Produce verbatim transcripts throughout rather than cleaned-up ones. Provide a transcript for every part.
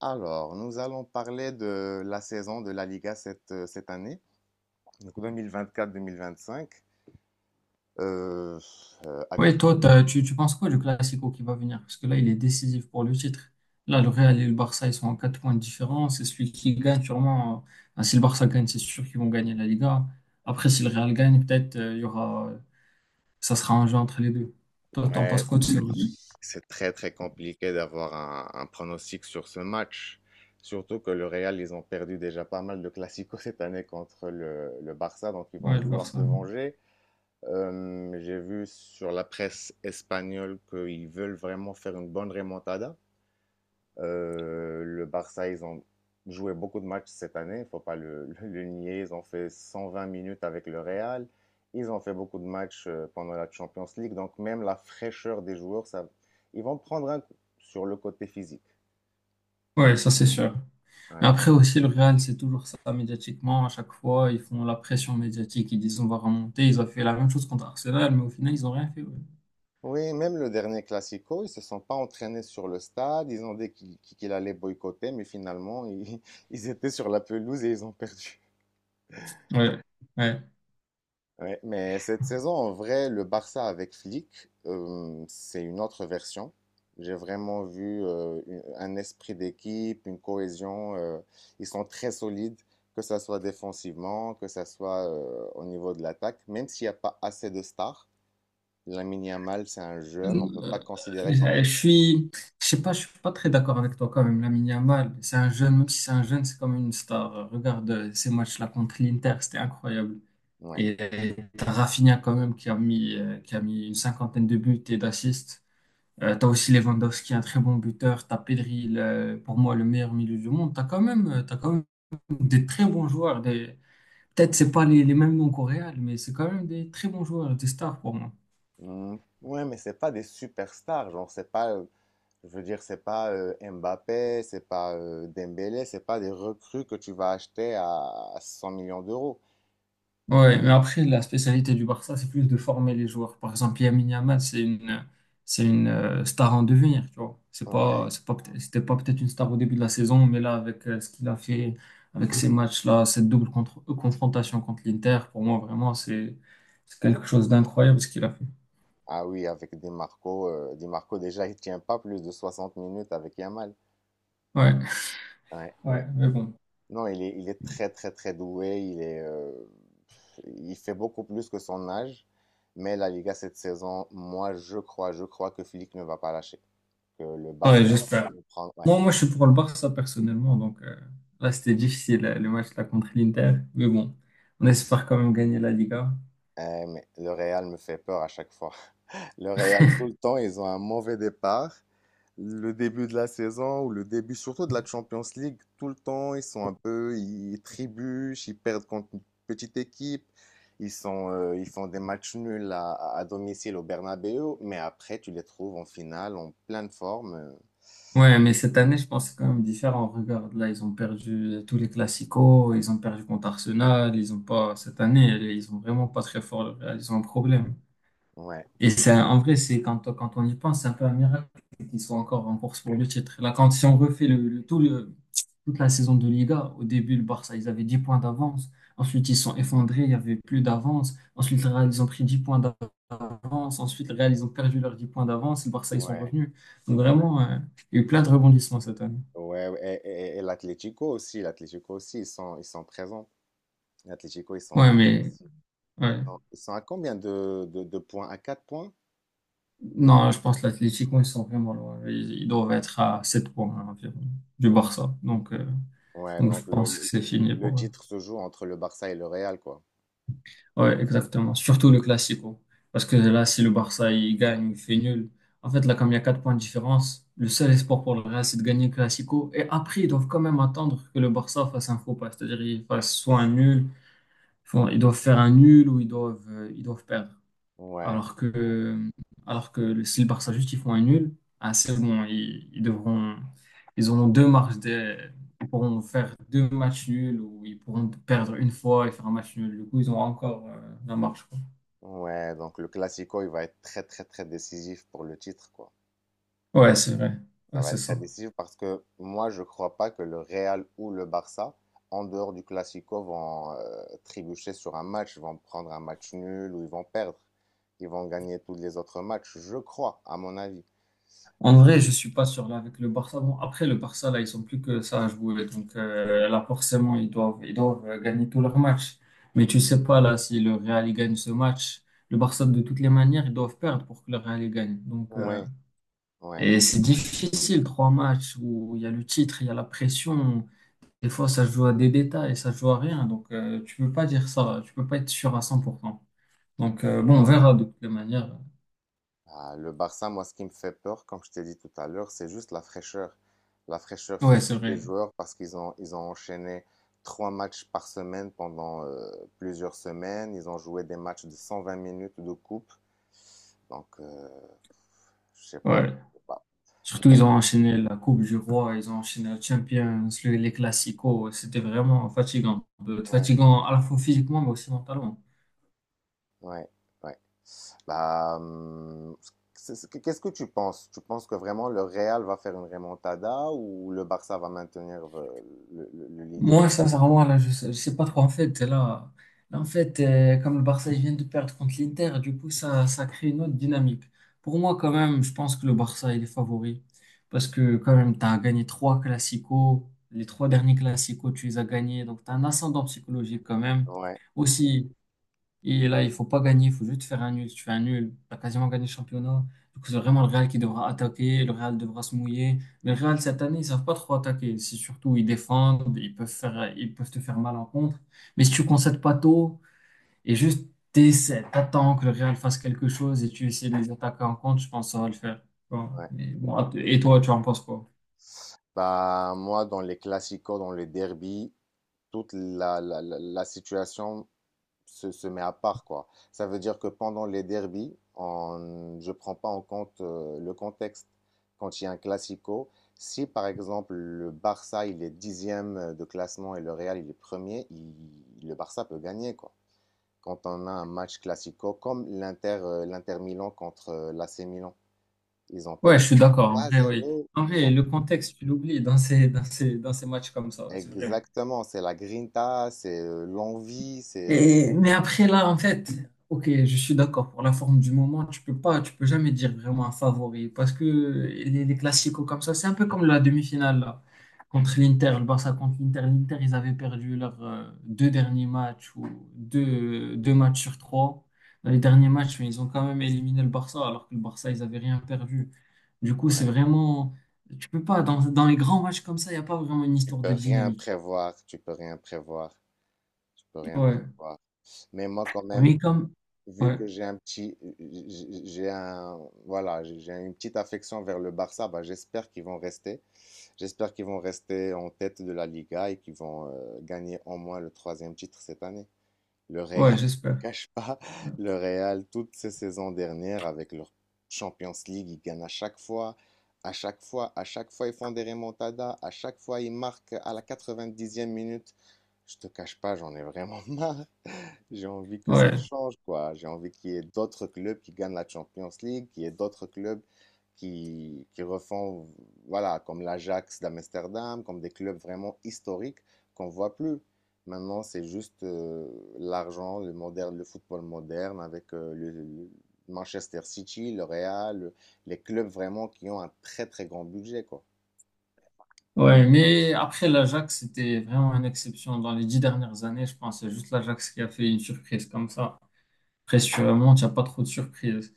Alors, nous allons parler de la saison de la Liga cette, euh, cette année, donc deux mille vingt-quatre-deux mille vingt-cinq. Euh, euh, Oui, actu- toi, t'as- tu, tu penses quoi du Classico qui va venir? Parce que là, il est décisif pour le titre. Là, le Real et le Barça, ils sont en quatre points de différence. Et celui qui gagne, sûrement, euh, ben, si le Barça gagne, c'est sûr qu'ils vont gagner la Liga. Après, si le Real gagne, peut-être, euh, il y aura, ça sera un jeu entre les deux. Toi, t'en penses ouais, quoi de ce. c'est très très compliqué d'avoir un, un pronostic sur ce match, surtout que le Real, ils ont perdu déjà pas mal de classicos cette année contre le, le Barça, donc ils vont Ouais, le vouloir Barça. se venger. Euh, j'ai vu sur la presse espagnole qu'ils veulent vraiment faire une bonne remontada. Euh, le Barça, ils ont joué beaucoup de matchs cette année, il ne faut pas le, le- le nier. Ils ont fait cent vingt minutes avec le Real. Ils ont fait beaucoup de matchs euh, pendant la Champions League. Donc même la fraîcheur des joueurs, ça, ils vont prendre un coup sur le côté physique. Ouais, ça, c'est sûr. Ouais. Mais après aussi, le Real, c'est toujours ça médiatiquement. À chaque fois, ils font la pression médiatique. Ils disent, on va remonter. Ils ont fait la même chose contre Arsenal, mais au final, ils n'ont rien fait. Ouais. Oui, même le dernier Classico, ils se sont pas entraînés sur le stade. Ils ont dit qu'il qu'il allait boycotter, mais finalement, ils, ils étaient sur la pelouse et ils ont perdu. Ouais. Ouais. Ouais, mais cette saison, en vrai, le Barça avec Flick, euh, c'est une autre version. J'ai vraiment vu euh, une- un esprit d'équipe, une cohésion. Euh, ils sont très solides, que ça soit défensivement, que ça soit euh, au niveau de l'attaque. Même s'il n'y a pas assez de stars, Lamine Yamal, c'est un Euh, jeune, on ne peut pas considérer comme... euh, Je suis, je sais pas, je suis pas très d'accord avec toi quand même. Lamine Yamal, c'est un jeune, même si c'est un jeune, c'est quand même une star. Regarde euh, ces matchs-là contre l'Inter, c'était incroyable. Ouais. Et euh, t'as Rafinha quand même qui a mis, euh, qui a mis une cinquantaine de buts et d'assists. Euh, t'as aussi Lewandowski, un très bon buteur. T'as Pedri, le- pour moi le meilleur milieu du monde. T'as quand même, euh, t'as quand même des très bons joueurs. Des. Peut-être c'est pas les, les mêmes noms qu'au Real, mais c'est quand même des très bons joueurs, des stars pour moi. Mm, ouais, mais c'est pas des superstars, genre, c'est pas euh, je veux dire, c'est pas euh, Mbappé, c'est pas euh, Dembélé, c'est pas des recrues que tu vas acheter à cent millions d'euros. Ouais, mais après, la spécialité du Barça, c'est plus de former les joueurs. Par exemple, Lamine Yamal, c'est une, c'est une euh, star en devenir, tu vois. C'est pas, Ouais. c'est pas, peut- c'était pas peut-être une star au début de la saison, mais là, avec euh, ce qu'il a fait, avec ces matchs-là, cette double contre- euh, confrontation contre l'Inter, pour moi, vraiment, c'est, c'est quelque chose d'incroyable ce qu'il a fait. Ah oui, avec Di Marco, euh, Di Marco déjà il tient pas plus de soixante minutes avec Yamal. Ouais, Ouais, ouais, ouais. mais bon. Non, il est, il est très très très doué, il est, euh, il fait beaucoup plus que son âge. Mais la Liga cette saison, moi je crois, je crois que Flick ne va pas lâcher, que le Ouais, Barça va j'espère. vraiment prendre. Ouais. Moi, moi, je suis pour le Barça personnellement, donc euh, là, c'était difficile, euh, le match là contre l'Inter, mais bon, on espère quand même gagner la Liga. Eh, mais le Real me fait peur à chaque fois. Le Real, tout le temps, ils ont un mauvais départ. Le début de la saison ou le début surtout de la Champions League, tout le temps, ils sont un peu, ils trébuchent, ils perdent contre une petite équipe. Ils sont, euh, ils font des matchs nuls à, à domicile au Bernabéu, mais après, tu les trouves en finale, en pleine forme. euh, Ouais, mais cette année, je pense que c'est quand même différent. Regarde, là, ils ont perdu tous les classicos, ils ont perdu contre Arsenal, ils ont pas, cette année, ils ont vraiment pas très fort, le Real, ils ont un problème. Ouais, Et c'est, un- en vrai, c'est quand, quand on y pense, c'est un peu un miracle qu'ils soient encore en course pour le titre. Là, quand, si on refait le, le- tout le, toute la saison de Liga, au début, le Barça, ils avaient dix points d'avance. Ensuite, ils se sont effondrés, il n'y avait plus d'avance. Ensuite, le Real, ils ont pris dix points d'avance. Ensuite, le Real, ils ont perdu leurs dix points d'avance. Le Barça, ils sont ouais, revenus. Donc, vraiment, euh, il y a eu plein de rebondissements cette année. ouais. Ouais. Et, et- et l'Atlético aussi, l'Atlético aussi, ils sont, ils sont présents. L'Atlético, ils sont Ouais, présents. mais ouais. Non, ils sont à combien de, de, de points? À quatre points? Non, je pense que l'Atlético, ils sont vraiment loin. Ils, ils doivent être à sept points hein, environ du Barça. Donc, euh, Ouais, donc je donc le, pense que le, c'est fini le pour eux. titre se joue entre le Barça et le Real, quoi. Ouais, exactement. Surtout le Classico. Parce que là, si le Barça il gagne, il fait nul. En fait, là, comme il y a quatre points de différence, le seul espoir pour le Real, c'est de gagner le Classico. Et après, ils doivent quand même attendre que le Barça fasse un faux pas. C'est-à-dire, ils fassent soit un nul, font- ils doivent faire un nul ou ils doivent, euh, ils doivent perdre. Ouais, Alors que, alors que le- si le Barça juste ils font un nul, ah, c'est bon, ils, ils devront, ils auront deux marches, de, ils pourront faire deux matchs nuls ou ils pourront perdre une fois et faire un match nul. Du coup, ils auront encore euh, la marche, quoi. ouais, donc le Classico, il va être très, très, très décisif pour le titre, quoi. Ouais, c'est vrai. Ouais, Ça va c'est être très ça. décisif parce que moi, je crois pas que le Real ou le Barça, en dehors du Classico, vont euh, trébucher sur un match, vont prendre un match nul ou ils vont perdre. Ils vont gagner tous les autres matchs, je crois, à mon avis. En vrai, je suis pas sûr là avec le Barça. Bon, après le Barça là, ils sont plus que ça à jouer, donc euh, là forcément ils doivent, ils doivent euh, gagner tous leurs matchs. Mais tu sais pas là si le Real il gagne ce match, le Barça de toutes les manières ils doivent perdre pour que le Real il gagne. Donc euh, Ouais, ouais. Et c'est difficile, trois matchs où il y a le titre, il y a la pression. Des fois, ça se joue à des détails, ça se joue à rien. Donc, euh, tu peux pas dire ça. Tu peux pas être sûr à cent pour cent. Donc, euh, bon, on verra de toutes les manières. Ah, le Barça, moi, ce qui me fait peur, comme je t'ai dit tout à l'heure, c'est juste la fraîcheur, la fraîcheur Ouais, c'est physique des vrai. joueurs parce qu'ils ont, ils ont enchaîné trois matchs par semaine pendant euh, plusieurs semaines. Ils ont joué des matchs de cent vingt minutes de coupe. Donc, euh, je sais pas, Ouais. je sais pas. Surtout, ils ont enchaîné la Coupe du Roi, ils ont enchaîné la Champions, le- les Classicos. C'était vraiment fatigant. Euh, Ouais, Fatigant à la fois physiquement, mais aussi mentalement. ouais, ouais. Bah, hum, c'est- c'est- qu'est-ce que tu penses? Tu penses que vraiment le Real va faire une remontada ou le Barça va maintenir euh, le, le- le leading? Moi, sincèrement, là, je sais, je sais pas trop. En fait, là, là, en fait, euh, comme le Barça il vient de perdre contre l'Inter, du coup, ça, ça crée une autre dynamique. Pour moi, quand même, je pense que le Barça, il est favori. Parce que, quand même, tu as gagné trois classicos. Les trois derniers classicos, tu les as gagnés. Donc, tu as un ascendant psychologique, quand même. Ouais, Aussi, et là, il faut pas gagner, il faut juste faire un nul. Si tu fais un nul, tu as quasiment gagné le championnat. Du coup, c'est vraiment le Real qui devra attaquer, le Real devra se mouiller. Mais le Real, cette année, ils savent pas trop attaquer. C'est surtout, ils défendent, ils peuvent faire, ils peuvent te faire mal en contre. Mais si tu concèdes pas tôt et juste t'essaies, t'attends que le Real fasse quelque chose et tu essaies de les attaquer en contre, je pense que ça va le faire. Bon, ouais. mais bon, et toi, tu en penses quoi? Bah, moi, dans les classicos, dans les derbies, toute la, la, la- la situation se, se met à part, quoi. Ça veut dire que pendant les derbies, on- je ne prends pas en compte euh, le contexte. Quand il y a un classico, si par exemple le Barça il est dixième de classement et le Real il est premier, il- le Barça peut gagner, quoi. Quand on a un match classico, comme l'Inter, euh, l'Inter Milan contre euh, l'A C Milan, ils ont Ouais, je perdu suis d'accord. En Trois vrai, oui. zéro, En ils vrai, ont. le contexte, tu l'oublies dans ces, dans ces, dans ces matchs comme ça. C'est vrai. Exactement, c'est la grinta, c'est euh, l'envie, c'est euh, Et, mais après, là, en fait, ok, je suis d'accord pour la forme du moment. Tu peux pas, tu peux jamais dire vraiment un favori parce que les, les classicos comme ça, c'est un peu comme la demi-finale là, contre l'Inter, le Barça contre l'Inter. L'Inter, ils avaient perdu leurs euh, deux derniers matchs ou deux, deux matchs sur trois. Dans les derniers matchs, mais ils ont quand même éliminé le Barça alors que le Barça, ils avaient rien perdu. Du coup, c'est ouais, vraiment, tu peux pas, dans, dans les grands matchs comme ça, il n'y a pas vraiment une tu histoire peux de rien dynamique. prévoir, tu peux rien prévoir, tu peux rien Ouais, prévoir. Mais moi quand même, mais comme, vu ouais, que j'ai un petit j'ai j'ai un voilà, j'ai j'ai une petite affection vers le Barça, bah j'espère qu'ils vont rester. J'espère qu'ils vont rester en tête de la Liga et qu'ils vont euh, gagner au moins le troisième titre cette année. Le ouais, Real, je te j'espère. cache pas, le Real, toutes ces saisons dernières, avec leur Champions League, ils gagnent à chaque fois, à chaque fois, à chaque fois, ils font des remontadas, à chaque fois, ils marquent à la quatre-vingt-dixième minute. Je te cache pas, j'en ai vraiment marre. J'ai envie que ça Ouais, change, quoi. J'ai envie qu'il y ait d'autres clubs qui gagnent la Champions League, qu'il y ait d'autres clubs qui, qui refont, voilà, comme l'Ajax d'Amsterdam, comme des clubs vraiment historiques qu'on voit plus. Maintenant, c'est juste euh, l'argent, le moderne, le football moderne avec euh, le, le Manchester City, le Real, le- les clubs vraiment qui ont un très très grand budget, quoi. ouais, mais après l'Ajax, c'était vraiment une exception. Dans les dix dernières années, je pense, c'est juste l'Ajax qui a fait une surprise comme ça. Après, si tu remontes, il n'y a pas trop de surprises.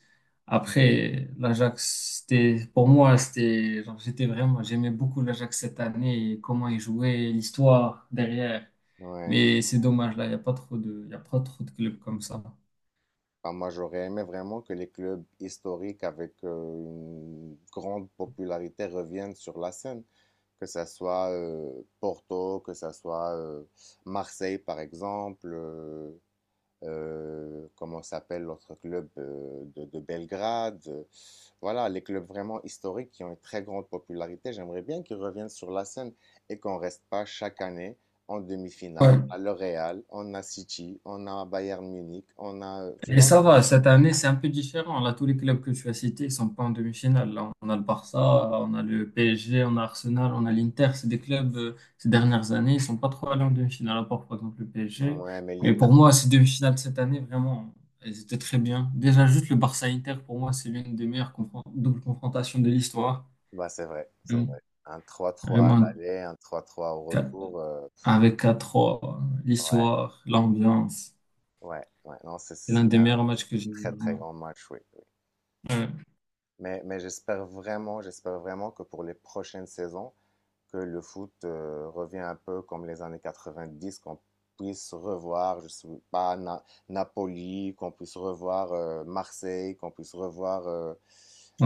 Après, l'Ajax, c'était, pour moi, c'était, genre, j'étais vraiment, j'aimais beaucoup l'Ajax cette année et comment il jouait, l'histoire derrière. Ouais. Mais c'est dommage, là, il n'y a pas trop de, il y a pas trop de clubs comme ça. Ah, moi, j'aurais aimé vraiment que les clubs historiques avec euh, une grande popularité reviennent sur la scène, que ça soit euh, Porto, que ça soit euh, Marseille, par exemple, euh, euh, comment s'appelle l'autre club euh, de, de Belgrade. euh, Voilà, les clubs vraiment historiques qui ont une très grande popularité, j'aimerais bien qu'ils reviennent sur la scène et qu'on reste pas chaque année en demi-finale. Ouais. On a le Real, on a City, on a Bayern Munich, on a, euh, tu Et vois. ça va, cette année, c'est un peu différent. Là, tous les clubs que tu as cités ne sont pas en demi-finale. Là, on a le Barça, on a le P S G, on a Arsenal, on a l'Inter. C'est des clubs, euh, ces dernières années, ils sont pas trop allés en demi-finale, à part, par exemple, le P S G. Ouais, mais Mais l'Inter, pour moi, ces demi-finales cette année, vraiment, elles étaient très bien. Déjà, juste le Barça-Inter, pour moi, c'est l'une des meilleures confron- doubles confrontations de l'histoire. bah, c'est vrai, c'est Vraiment, vrai. Un trois trois à vraiment, l'aller, un trois trois au quatre- retour. euh, avec quatre trois, Ouais, l'histoire, l'ambiance. ouais, ouais. Non, c'est- C'est l'un c'était des un meilleurs matchs que j'ai vu, très, très vraiment. grand match, oui. Oui. Ouais, Mais, mais j'espère vraiment, j'espère vraiment que pour les prochaines saisons, que le foot euh, revient un peu comme les années quatre-vingt-dix qu'on puisse revoir, je ne sais pas, Na- Napoli, qu'on puisse revoir euh, Marseille, qu'on puisse revoir euh,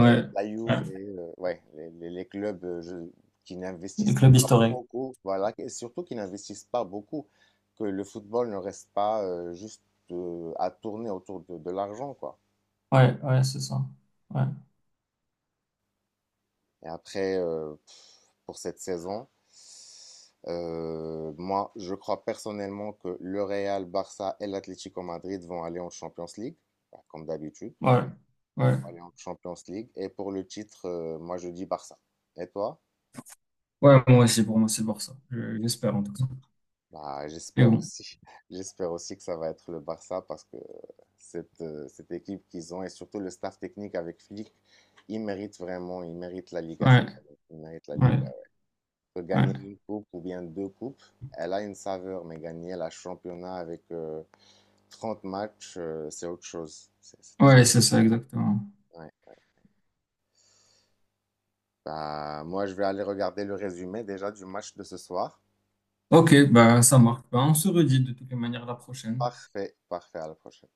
euh, la ouais. Juve, euh, ouais, les, les- les clubs euh, je- qui Le n'investissent club pas historique. beaucoup, voilà, et surtout qui n'investissent pas beaucoup, que le football ne reste pas euh, juste euh, à tourner autour de, de l'argent, quoi. Ouais, ouais, c'est ça. Ouais, Et après, euh, pour cette saison, euh, moi, je crois personnellement que le Real, Barça et l'Atlético Madrid vont aller en Champions League, bah, comme d'habitude, ouais, ouais. vont aller en Champions League. Et pour le titre, euh, moi, je dis Barça. Et toi? Ouais, moi aussi, pour moi, c'est le Barça. Je- J'espère en tout cas. Bah, Et j'espère bon. aussi. J'espère aussi que ça va être le Barça parce que cette, euh, cette équipe qu'ils ont et surtout le staff technique avec Flick, ils méritent vraiment, ils méritent la Liga Ouais, cette année. Ils méritent la ouais, Liga. Que gagner ouais. une coupe ou bien deux coupes, elle a une saveur, mais gagner la championnat avec euh, trente matchs, euh, c'est autre chose. C'est c'est très Ouais, c'est ça, complet. exactement. Ouais. Bah, moi, je vais aller regarder le résumé déjà du match de ce soir. Ok, bah ça marche. Bah, on se redit de toutes les manières la prochaine. Parfait, parfait, à la prochaine.